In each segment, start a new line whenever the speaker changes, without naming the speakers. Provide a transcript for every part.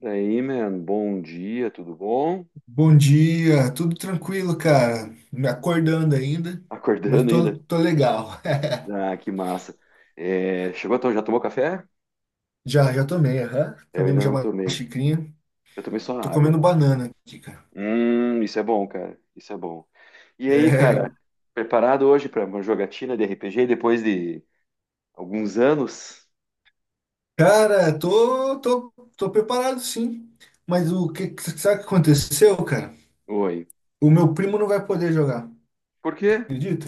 E aí, man, bom dia, tudo bom?
Bom dia, tudo tranquilo, cara. Me acordando ainda, mas
Acordando
tô,
ainda?
tô legal.
Ah, que massa. É, chegou então, já tomou café?
Já tomei, aham.
Eu
Tomei
ainda
já
não
uma
tomei.
xicrinha.
Eu tomei só
Tô
água.
comendo banana aqui, cara.
Isso é bom, cara. Isso é bom. E aí,
É,
cara, preparado hoje para uma jogatina de RPG depois de alguns anos?
cara, tô preparado, sim. Mas sabe o que aconteceu, cara?
Oi.
O meu primo não vai poder jogar,
Por quê? O que
acredita?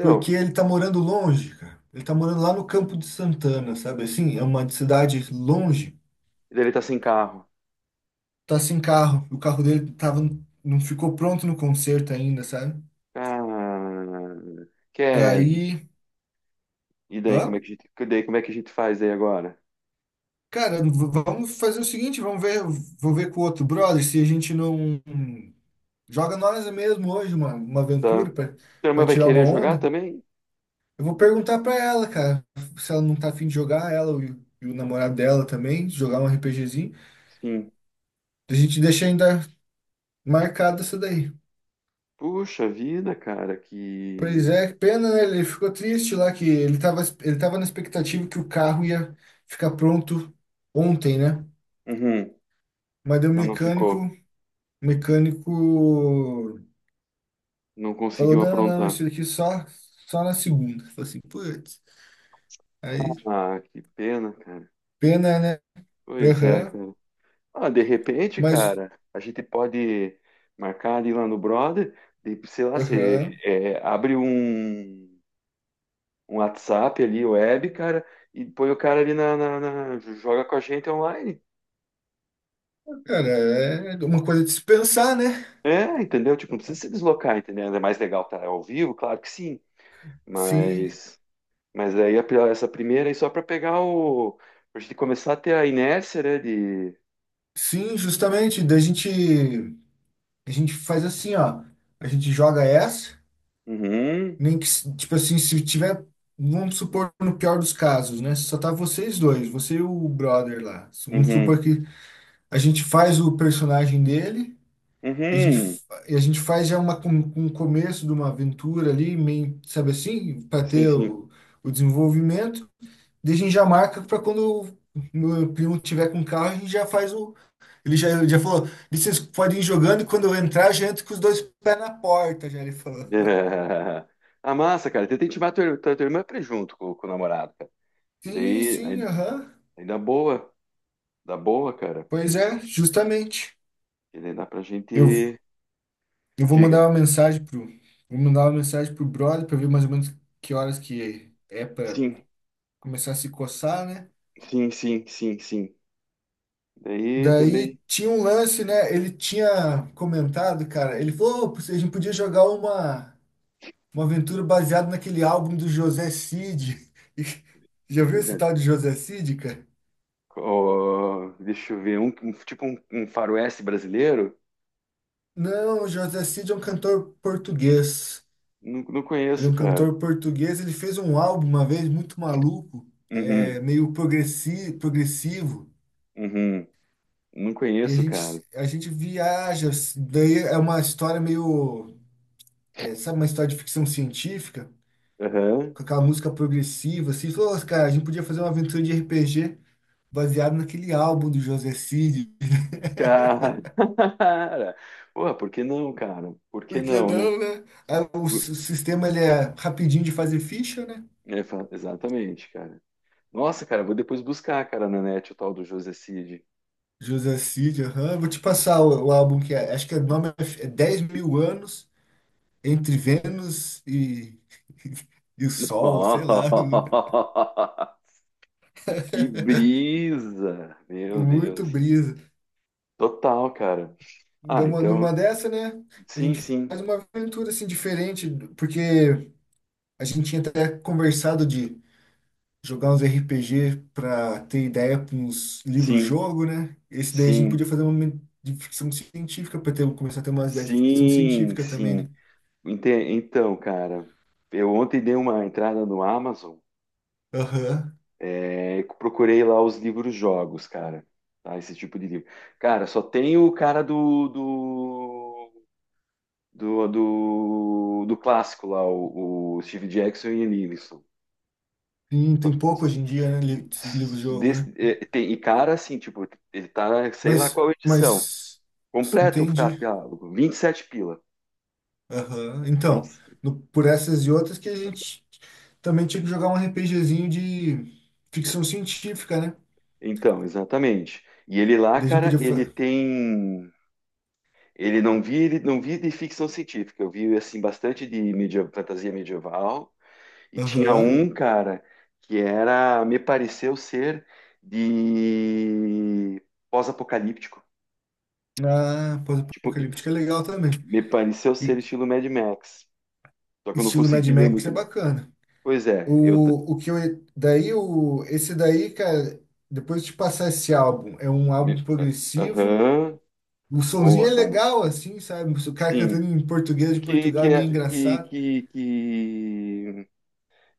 Porque ele tá morando longe, cara. Ele tá morando lá no Campo de Santana, sabe, assim? É uma cidade longe.
E daí ele tá sem carro.
Tá sem carro. O carro dele tava, não ficou pronto no concerto ainda, sabe?
Ah, quer?
Daí,
E daí como é
ó,
que a gente faz aí agora?
cara, vamos fazer o seguinte, vamos ver, vou ver com o outro brother se a gente não joga nós mesmo hoje uma,
Tá.
aventura pra
Tua irmã
para
vai
tirar uma
querer jogar
onda.
também?
Eu vou perguntar pra ela, cara, se ela não tá afim de jogar, ela e o namorado dela também, jogar um RPGzinho.
Sim.
A gente deixa ainda marcado essa daí.
Puxa vida, cara,
Pois
que
é, que pena, né? Ele ficou triste lá, que ele tava, na expectativa que o carro ia ficar pronto ontem, né?
uhum.
Mas daí o
Ela não
mecânico,
ficou,
o mecânico
não
falou:
conseguiu
não, não,
aprontar.
isso aqui só na segunda. Falei assim, putz, aí
Ah, que pena, cara.
pena, né?
Pois é,
Aham,
cara. Ah, de repente,
mas,
cara, a gente pode marcar ali lá no brother, de, sei lá, você
aham,
é, abre um, um WhatsApp ali, web, cara, e põe o cara ali na, na- na- joga com a gente online.
cara, é uma coisa de se pensar, né?
É, entendeu? Tipo, não precisa se deslocar, entendeu? É mais legal tá ao vivo, claro que sim,
Sim,
mas. Mas aí a pri- essa primeira aí só para pegar o. Pra gente começar a ter a inércia, né? De.
sim, justamente. Daí a gente faz assim, ó, a gente joga essa.
Uhum,
Nem que, tipo assim, se tiver, vamos supor, no pior dos casos, né? Só tá vocês dois, você e o brother lá. Vamos
uhum,
supor que a gente faz o personagem dele, e a gente,
uhum.
fa- e a gente faz já um começo de uma aventura ali, meio, sabe assim, para
Sim,
ter
sim.
o, o desenvolvimento. Daí a gente já marca para quando o meu primo tiver com o carro, a gente já faz o. ele já, falou: vocês podem ir jogando, e quando eu entrar, já entro com os dois pés na porta, já ele falou.
É. Ah, massa, cara. Tenta intimar tua irmã pra ir junto com o namorado, cara. E
Sim,
daí,
sim,
aí,
aham.
aí dá boa, cara.
Pois é, justamente.
E daí dá pra gente.
Eu, eu vou
Diga.
mandar uma mensagem pro, brother para ver mais ou menos que horas que é para
Sim,
começar a se coçar, né?
sim, sim, sim, sim. Daí
Daí
também.
tinha um lance, né? Ele tinha comentado, cara, ele falou: "Ô, a gente podia jogar uma aventura baseada naquele álbum do José Cid." E já viu esse
José.
tal de José Cid, cara?
Ó, deixa eu ver. Um- tipo um, um faroeste brasileiro?
Não, o José Cid é um cantor português.
Não, não
Ele é
conheço,
um
cara.
cantor português, ele fez um álbum uma vez muito maluco, é
Uhum.
meio progressivo,
Uhum. Não
e a
conheço, cara.
gente, a gente viaja assim. Daí é uma história meio, é, sabe, uma história de ficção científica,
Aham.
com aquela música progressiva, assim. Falou: "Ô, cara, a gente podia fazer uma aventura de RPG baseado naquele álbum do José Cid."
Cara. Porra, por que não, cara? Por que
Por que
não, né?
não, né? Aí, O
Bu-
s- o sistema, ele é rapidinho de fazer ficha, né?
é, fa- exatamente, cara. Nossa, cara, vou depois buscar, cara, na net o tal do José Cid.
José Cid, aham. Vou te passar o álbum que é. Acho que o nome é 10 mil anos entre Vênus e, e o Sol, sei lá.
Que brisa! Meu
Muito
Deus.
brisa.
Total, cara.
Dá
Ah,
numa
então,
dessa, né? A
sim,
gente
sim,
faz uma aventura assim diferente, porque a gente tinha até conversado de jogar uns RPG para ter ideia para uns
sim,
livros-jogo, né? Esse daí a gente
sim,
podia fazer uma de ficção científica para ter começar a ter umas ideias de ficção
sim,
científica também,
sim.
né?
Ente- Então, cara, eu ontem dei uma entrada no Amazon.
Aham.
É, procurei lá os livros jogos, cara. Tá? Esse tipo de livro. Cara, só tem o cara do clássico lá, o Steve Jackson e Nilsson.
Sim,
Só-
tem pouco hoje em dia, né? Livro-jogo, né?
desse- é, tem, e cara, assim, tipo, ele tá, sei lá
Mas,
qual edição.
mas,
Completo o
entendi.
catálogo, 27 pila.
Aham. Então,
20
por essas e outras que a gente também tinha que jogar um RPGzinho de ficção científica, né?
então, exatamente. E ele lá,
Daí a gente
cara,
podia
ele
fazer.
tem. Ele não vi de ficção científica. Eu vi assim bastante de media, fantasia medieval. E tinha
Aham.
um, cara, que era, me pareceu ser de pós-apocalíptico.
Ah,
Tipo,
pós-apocalíptica é legal também.
me pareceu
E
ser estilo Mad Max. Só que eu não
estilo Mad
consegui ler
Max é
muito.
bacana.
Pois é, eu. T-
O que eu. Daí, esse daí, cara, depois de passar esse álbum, é um álbum
me-
progressivo.
aham,
O sonzinho
boa,
é
cara.
legal, assim, sabe? O cara cantando
Sim.
em português de Portugal é meio engraçado.
Que,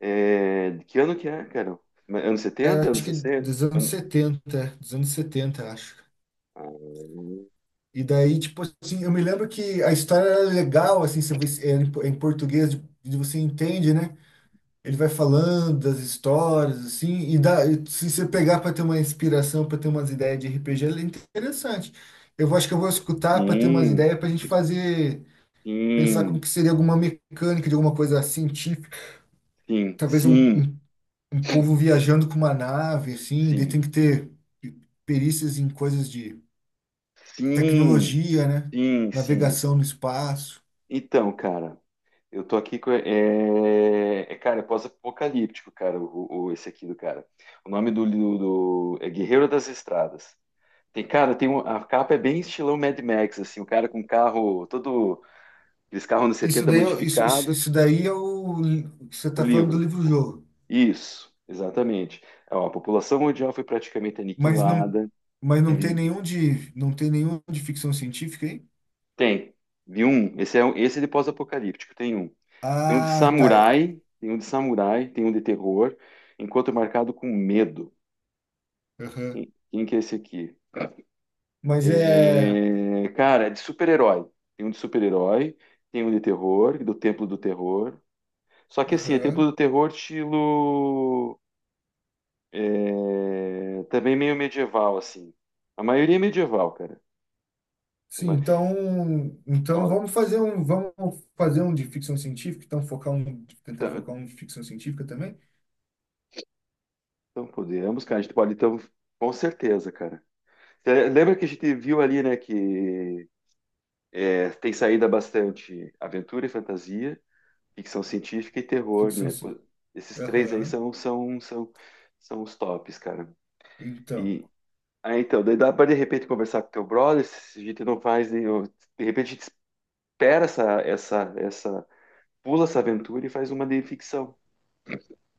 é, de que ano que é, cara? Ma- Anos 70 anos
Acho que é
60?
dos anos
Ano-
70, dos anos 70, acho.
Ah,
E daí, tipo assim, eu me lembro que a história era legal, assim, você você, é em em português, de você entende, né? Ele vai falando das histórias, assim, e dá, e se você pegar para ter uma inspiração, para ter umas ideias de RPG, ele é interessante. Acho que eu vou escutar para ter umas
sim,
ideias para a gente fazer, pensar como
sim,
que seria alguma mecânica de alguma coisa científica,
sim,
talvez um,
sim,
um povo viajando com uma nave, assim, daí
sim.
tem que ter perícias em coisas de
Sim,
tecnologia, né?
sim, sim.
Navegação no espaço.
Então, cara, eu tô aqui com. É, é, cara, é pós-apocalíptico, cara, o- esse aqui do cara. O nome do, do, do- é Guerreiro das Estradas. Tem, cara, tem um, a capa é bem estilão Mad Max, assim, o cara com carro, todo aqueles carros anos
Isso
70
daí, isso, isso,
modificado.
isso daí é o você
O
está falando do
livro.
livro-jogo,
Isso, exatamente. Ó, a população mundial foi praticamente
mas não,
aniquilada.
mas não tem
Teve-
nenhum de, não tem nenhum de ficção científica, hein?
tem. Vi um. Esse é, um- esse é de pós-apocalíptico, tem um. Tem um de
Ah, tá.
samurai, tem um de samurai, tem um de terror. Encontro marcado com medo.
Aham.
Quem, quem que é esse aqui?
Mas é,
É, cara, é de super-herói. Tem um de super-herói, tem um de terror, do Templo do Terror. Só que assim, é
aham.
Templo do Terror estilo é, também meio medieval, assim. A maioria é medieval, cara.
Sim,
Mas,
então
ó,
vamos fazer um de ficção científica, então focar um, tentar
tá-
focar um de ficção científica também.
então podemos, cara. A gente pode, então, com certeza, cara. Cê lembra que a gente viu ali, né, que é, tem saída bastante aventura e fantasia, ficção científica e terror,
Ficção,
né?
ci-
Pô, esses três aí
aham.
são, são, são, são os tops, cara.
Então,
E aí, então, daí dá para de repente conversar com teu brother, se a gente não faz nenhum. De repente a gente espera pula essa aventura e faz uma de ficção.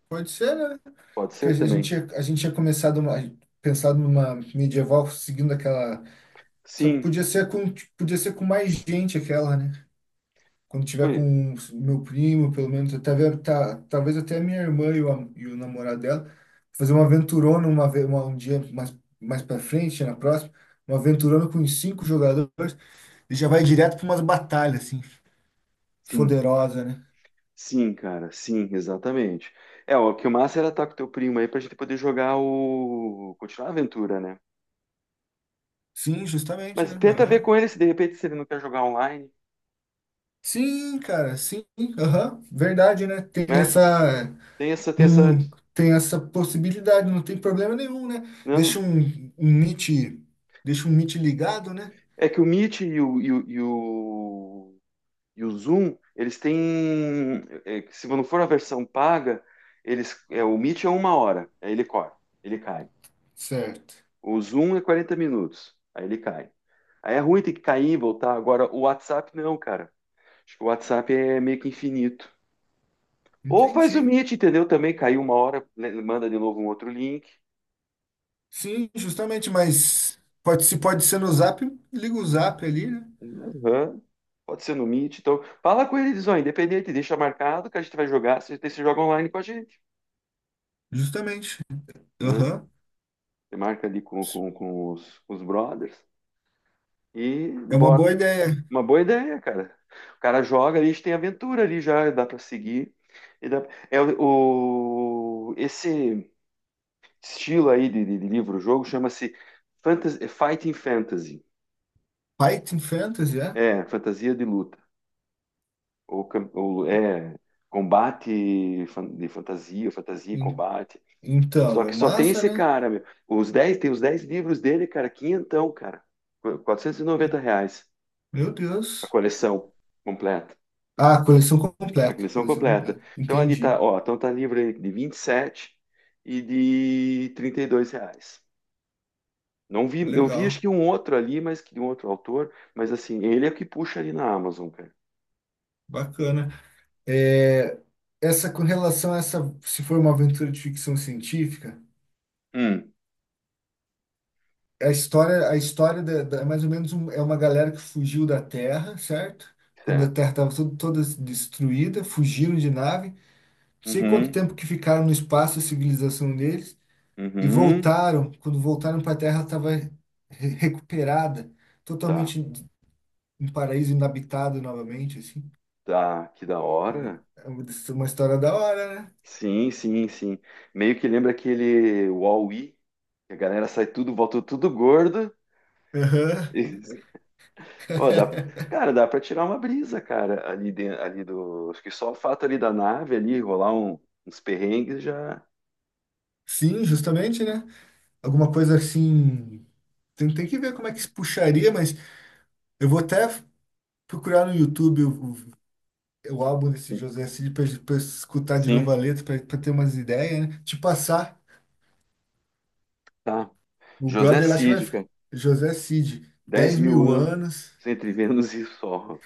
pode ser, né?
Pode
Que a
ser
gente,
também.
a gente tinha a gente tinha começado pensado numa medieval seguindo aquela. Só que
Sim,
podia ser com, mais gente aquela, né? Quando tiver
foi-
com o meu primo, pelo menos, tá, vendo? Tá, talvez até a minha irmã e o, e o namorado dela, fazer uma aventurona um dia mais para frente, na próxima, uma aventurona com uns cinco jogadores, e já vai direto para umas batalhas, assim,
sim,
foderosa, né?
sim, cara, sim, exatamente. É, o que o massa era estar com teu primo aí pra gente poder jogar o. Continuar a aventura, né?
Sim, justamente,
Mas
né?
tenta ver
Aham.
com ele se de repente se ele não quer jogar online,
Sim, cara, sim, aham, verdade, né? Tem
né?
essa.
Tem essa,
Tem essa possibilidade, não tem problema nenhum, né? Deixa
não?
um Meet, deixa um Meet ligado, né?
É que o Meet e e o Zoom, eles têm, é, que se não for a versão paga, eles, é, o Meet é uma hora, aí ele corta, ele cai.
Certo.
O Zoom é 40 minutos, aí ele cai. Aí é ruim ter que cair e voltar. Agora, o WhatsApp não, cara. Acho que o WhatsApp é meio que infinito. Ou faz o
Entendi.
Meet, entendeu? Também caiu uma hora, né, manda de novo um outro link.
Sim, justamente, mas pode, se pode ser no Zap, liga o Zap ali, né?
Aham. Pode ser no Meet. Então, fala com eles, ó, independente, deixa marcado que a gente vai jogar, você, você joga online com a gente,
Justamente.
né?
Aham.
Você marca ali com os brothers e
É uma
bora.
boa ideia.
Uma boa ideia, cara. O cara joga, a gente tem aventura ali já, dá pra seguir. E dá- é o- esse estilo aí de livro-jogo chama-se fantas- Fighting Fantasy.
Python Fantasy, é?
É, fantasia de luta. Ou, cam- ou é combate fan- de fantasia, fantasia e
En-
combate. Só
Então, é
que só tem
massa,
esse
né?
cara, meu. Os 10 tem os 10 livros dele, cara, quinhentão, cara. Qu- R$ 490
Meu
a
Deus.
coleção completa.
Ah, coleção
A
completa.
coleção
Coleção
completa.
completa.
Então ali
Entendi.
tá, ó, então tá livro aí de 27 e de R$ 32. Não vi, eu vi acho
Legal.
que um outro ali, mas que de um outro autor, mas assim, ele é o que puxa ali na Amazon, cara.
Bacana. É, essa, com relação a essa, se for uma aventura de ficção científica,
Hum,
a história, é mais ou menos é uma galera que fugiu da Terra, certo? Quando a
certo.
Terra estava toda, toda destruída, fugiram de nave, não sei quanto
Uhum,
tempo que ficaram no espaço, a civilização deles, e
uhum,
voltaram. Quando voltaram para a Terra, estava recuperada,
tá.
totalmente um paraíso inabitado novamente, assim.
Tá, que da
É uma,
hora.
é uma uma história da hora, né?
Sim, sim, sim. Meio que lembra aquele Wall-E, que a galera sai tudo, volta tudo gordo.
Aham.
E, ó, dá, cara, dá pra tirar uma brisa, cara, ali, de, ali do. Acho que só o fato ali da nave ali, rolar um- uns perrengues já.
Sim, justamente, né? Alguma coisa assim. Tem que ver como é que se puxaria, mas eu vou até procurar no YouTube o álbum desse José Cid para escutar de novo
Sim,
a letra, para ter umas ideias, né? Te passar.
tá.
O
José
brother lá acho que vai.
Cid, cara.
José Cid,
10
dez
mil
mil
anos
anos.
entre Vênus e Sol.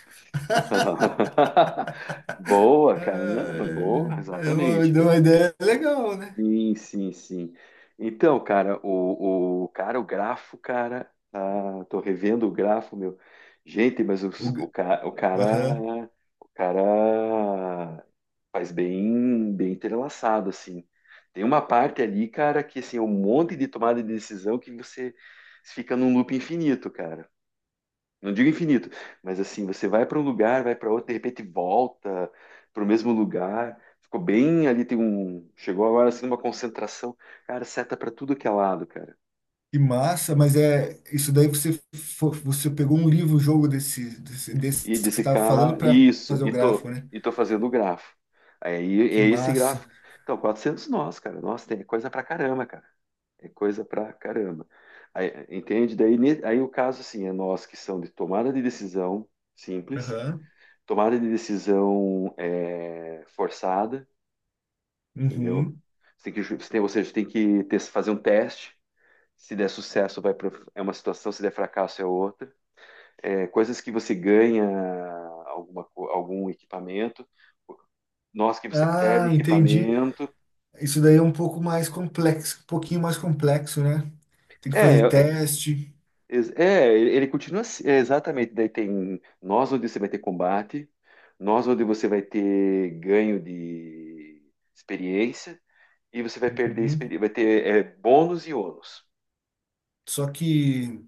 Boa, cara, né?
É,
Boa, exatamente,
deu uma ideia legal, né?
sim, sim, sim. Então, cara, o cara, o grafo, cara, tá, tô revendo o grafo, meu. Gente, mas
O,
os- o,
g-
ca-
aham.
o cara faz bem, bem entrelaçado, assim. Tem uma parte ali, cara, que assim, é um monte de tomada de decisão que você fica num loop infinito, cara. Não digo infinito, mas assim, você vai para um lugar, vai para outro, de repente volta para o mesmo lugar. Ficou bem ali, tem um. Chegou agora assim uma concentração. Cara, seta para tudo que é lado, cara.
Que massa, mas é isso daí você pegou um livro, um jogo desse,
E
que você
desse
estava
cá,
falando para
isso,
fazer o grafo, né?
e tô fazendo o grafo. Aí
Que
é esse
massa.
gráfico. Então, 400 nós, cara. Nossa, tem é coisa pra caramba, cara. É coisa pra caramba. Aí, entende? Daí, ne- aí o caso, assim, é nós que são de tomada de decisão simples,
Aham.
tomada de decisão é, forçada, entendeu?
Uhum.
Você tem que, ju- você tem- ou seja, você tem que ter- fazer um teste. Se der sucesso, vai pro- é uma situação, se der fracasso, é outra. É, coisas que você ganha alguma, co- algum equipamento, nós que você perde
Ah, entendi.
equipamento.
Isso daí é um pouco mais complexo, um pouquinho mais complexo, né? Tem que fazer
É,
teste.
ele continua assim, é, exatamente. Daí tem nós onde você vai ter combate, nós onde você vai ter ganho de experiência, e você vai perder
Uhum.
experiência, vai ter é, bônus e ônus.
Só que,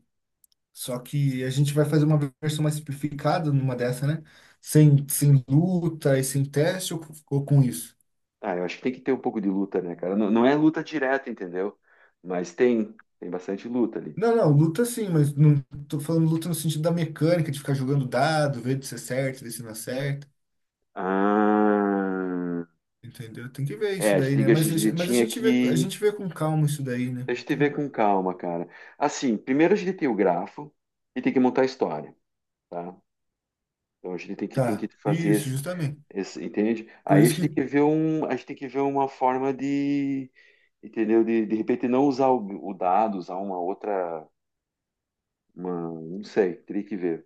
só que a gente vai fazer uma versão mais simplificada numa dessa, né? Sem luta e sem teste, ou, com isso?
Ah, eu acho que tem que ter um pouco de luta, né, cara? Não, não é luta direta, entendeu? Mas tem, tem bastante luta ali.
Não, não, luta sim, mas não tô falando luta no sentido da mecânica, de ficar jogando dado, ver se acerta, ver se não acerta.
Ah,
Entendeu? Tem que ver
é,
isso daí, né?
a
Mas, a
gente
gen- mas a
tinha
gente vê, a
que.
gente vê com calma isso daí, né?
A gente vê com calma, cara. Assim, primeiro a gente tem o grafo e tem que montar a história, tá? Então a gente tem que
Tá,
fazer
isso,
esse,
justamente.
esse- entende?
Por
Aí a
isso
gente tem
que,
que ver um, a gente tem que ver uma forma de, entendeu? De repente não usar o dado, usar uma outra, uma, não sei, teria que ver.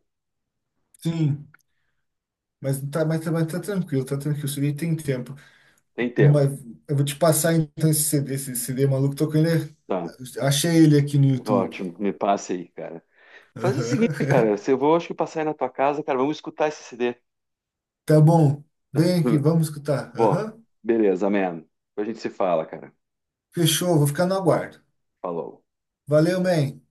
sim, mas tá tranquilo, tá tranquilo. Isso aí tem tempo.
Tem
Numa,
tempo,
eu vou te passar então esse CD, esse CD maluco, tô com ele.
tá?
Achei ele aqui no YouTube.
Ótimo, me passa aí, cara. Faz o seguinte,
Aham.
cara, se eu vou, acho que passar aí na tua casa, cara, vamos escutar esse CD.
Tá bom, vem aqui, vamos escutar.
Bom,
Aham.
beleza, man. Depois a gente se fala, cara.
Fechou, vou ficar no aguardo.
Falou.
Valeu, man.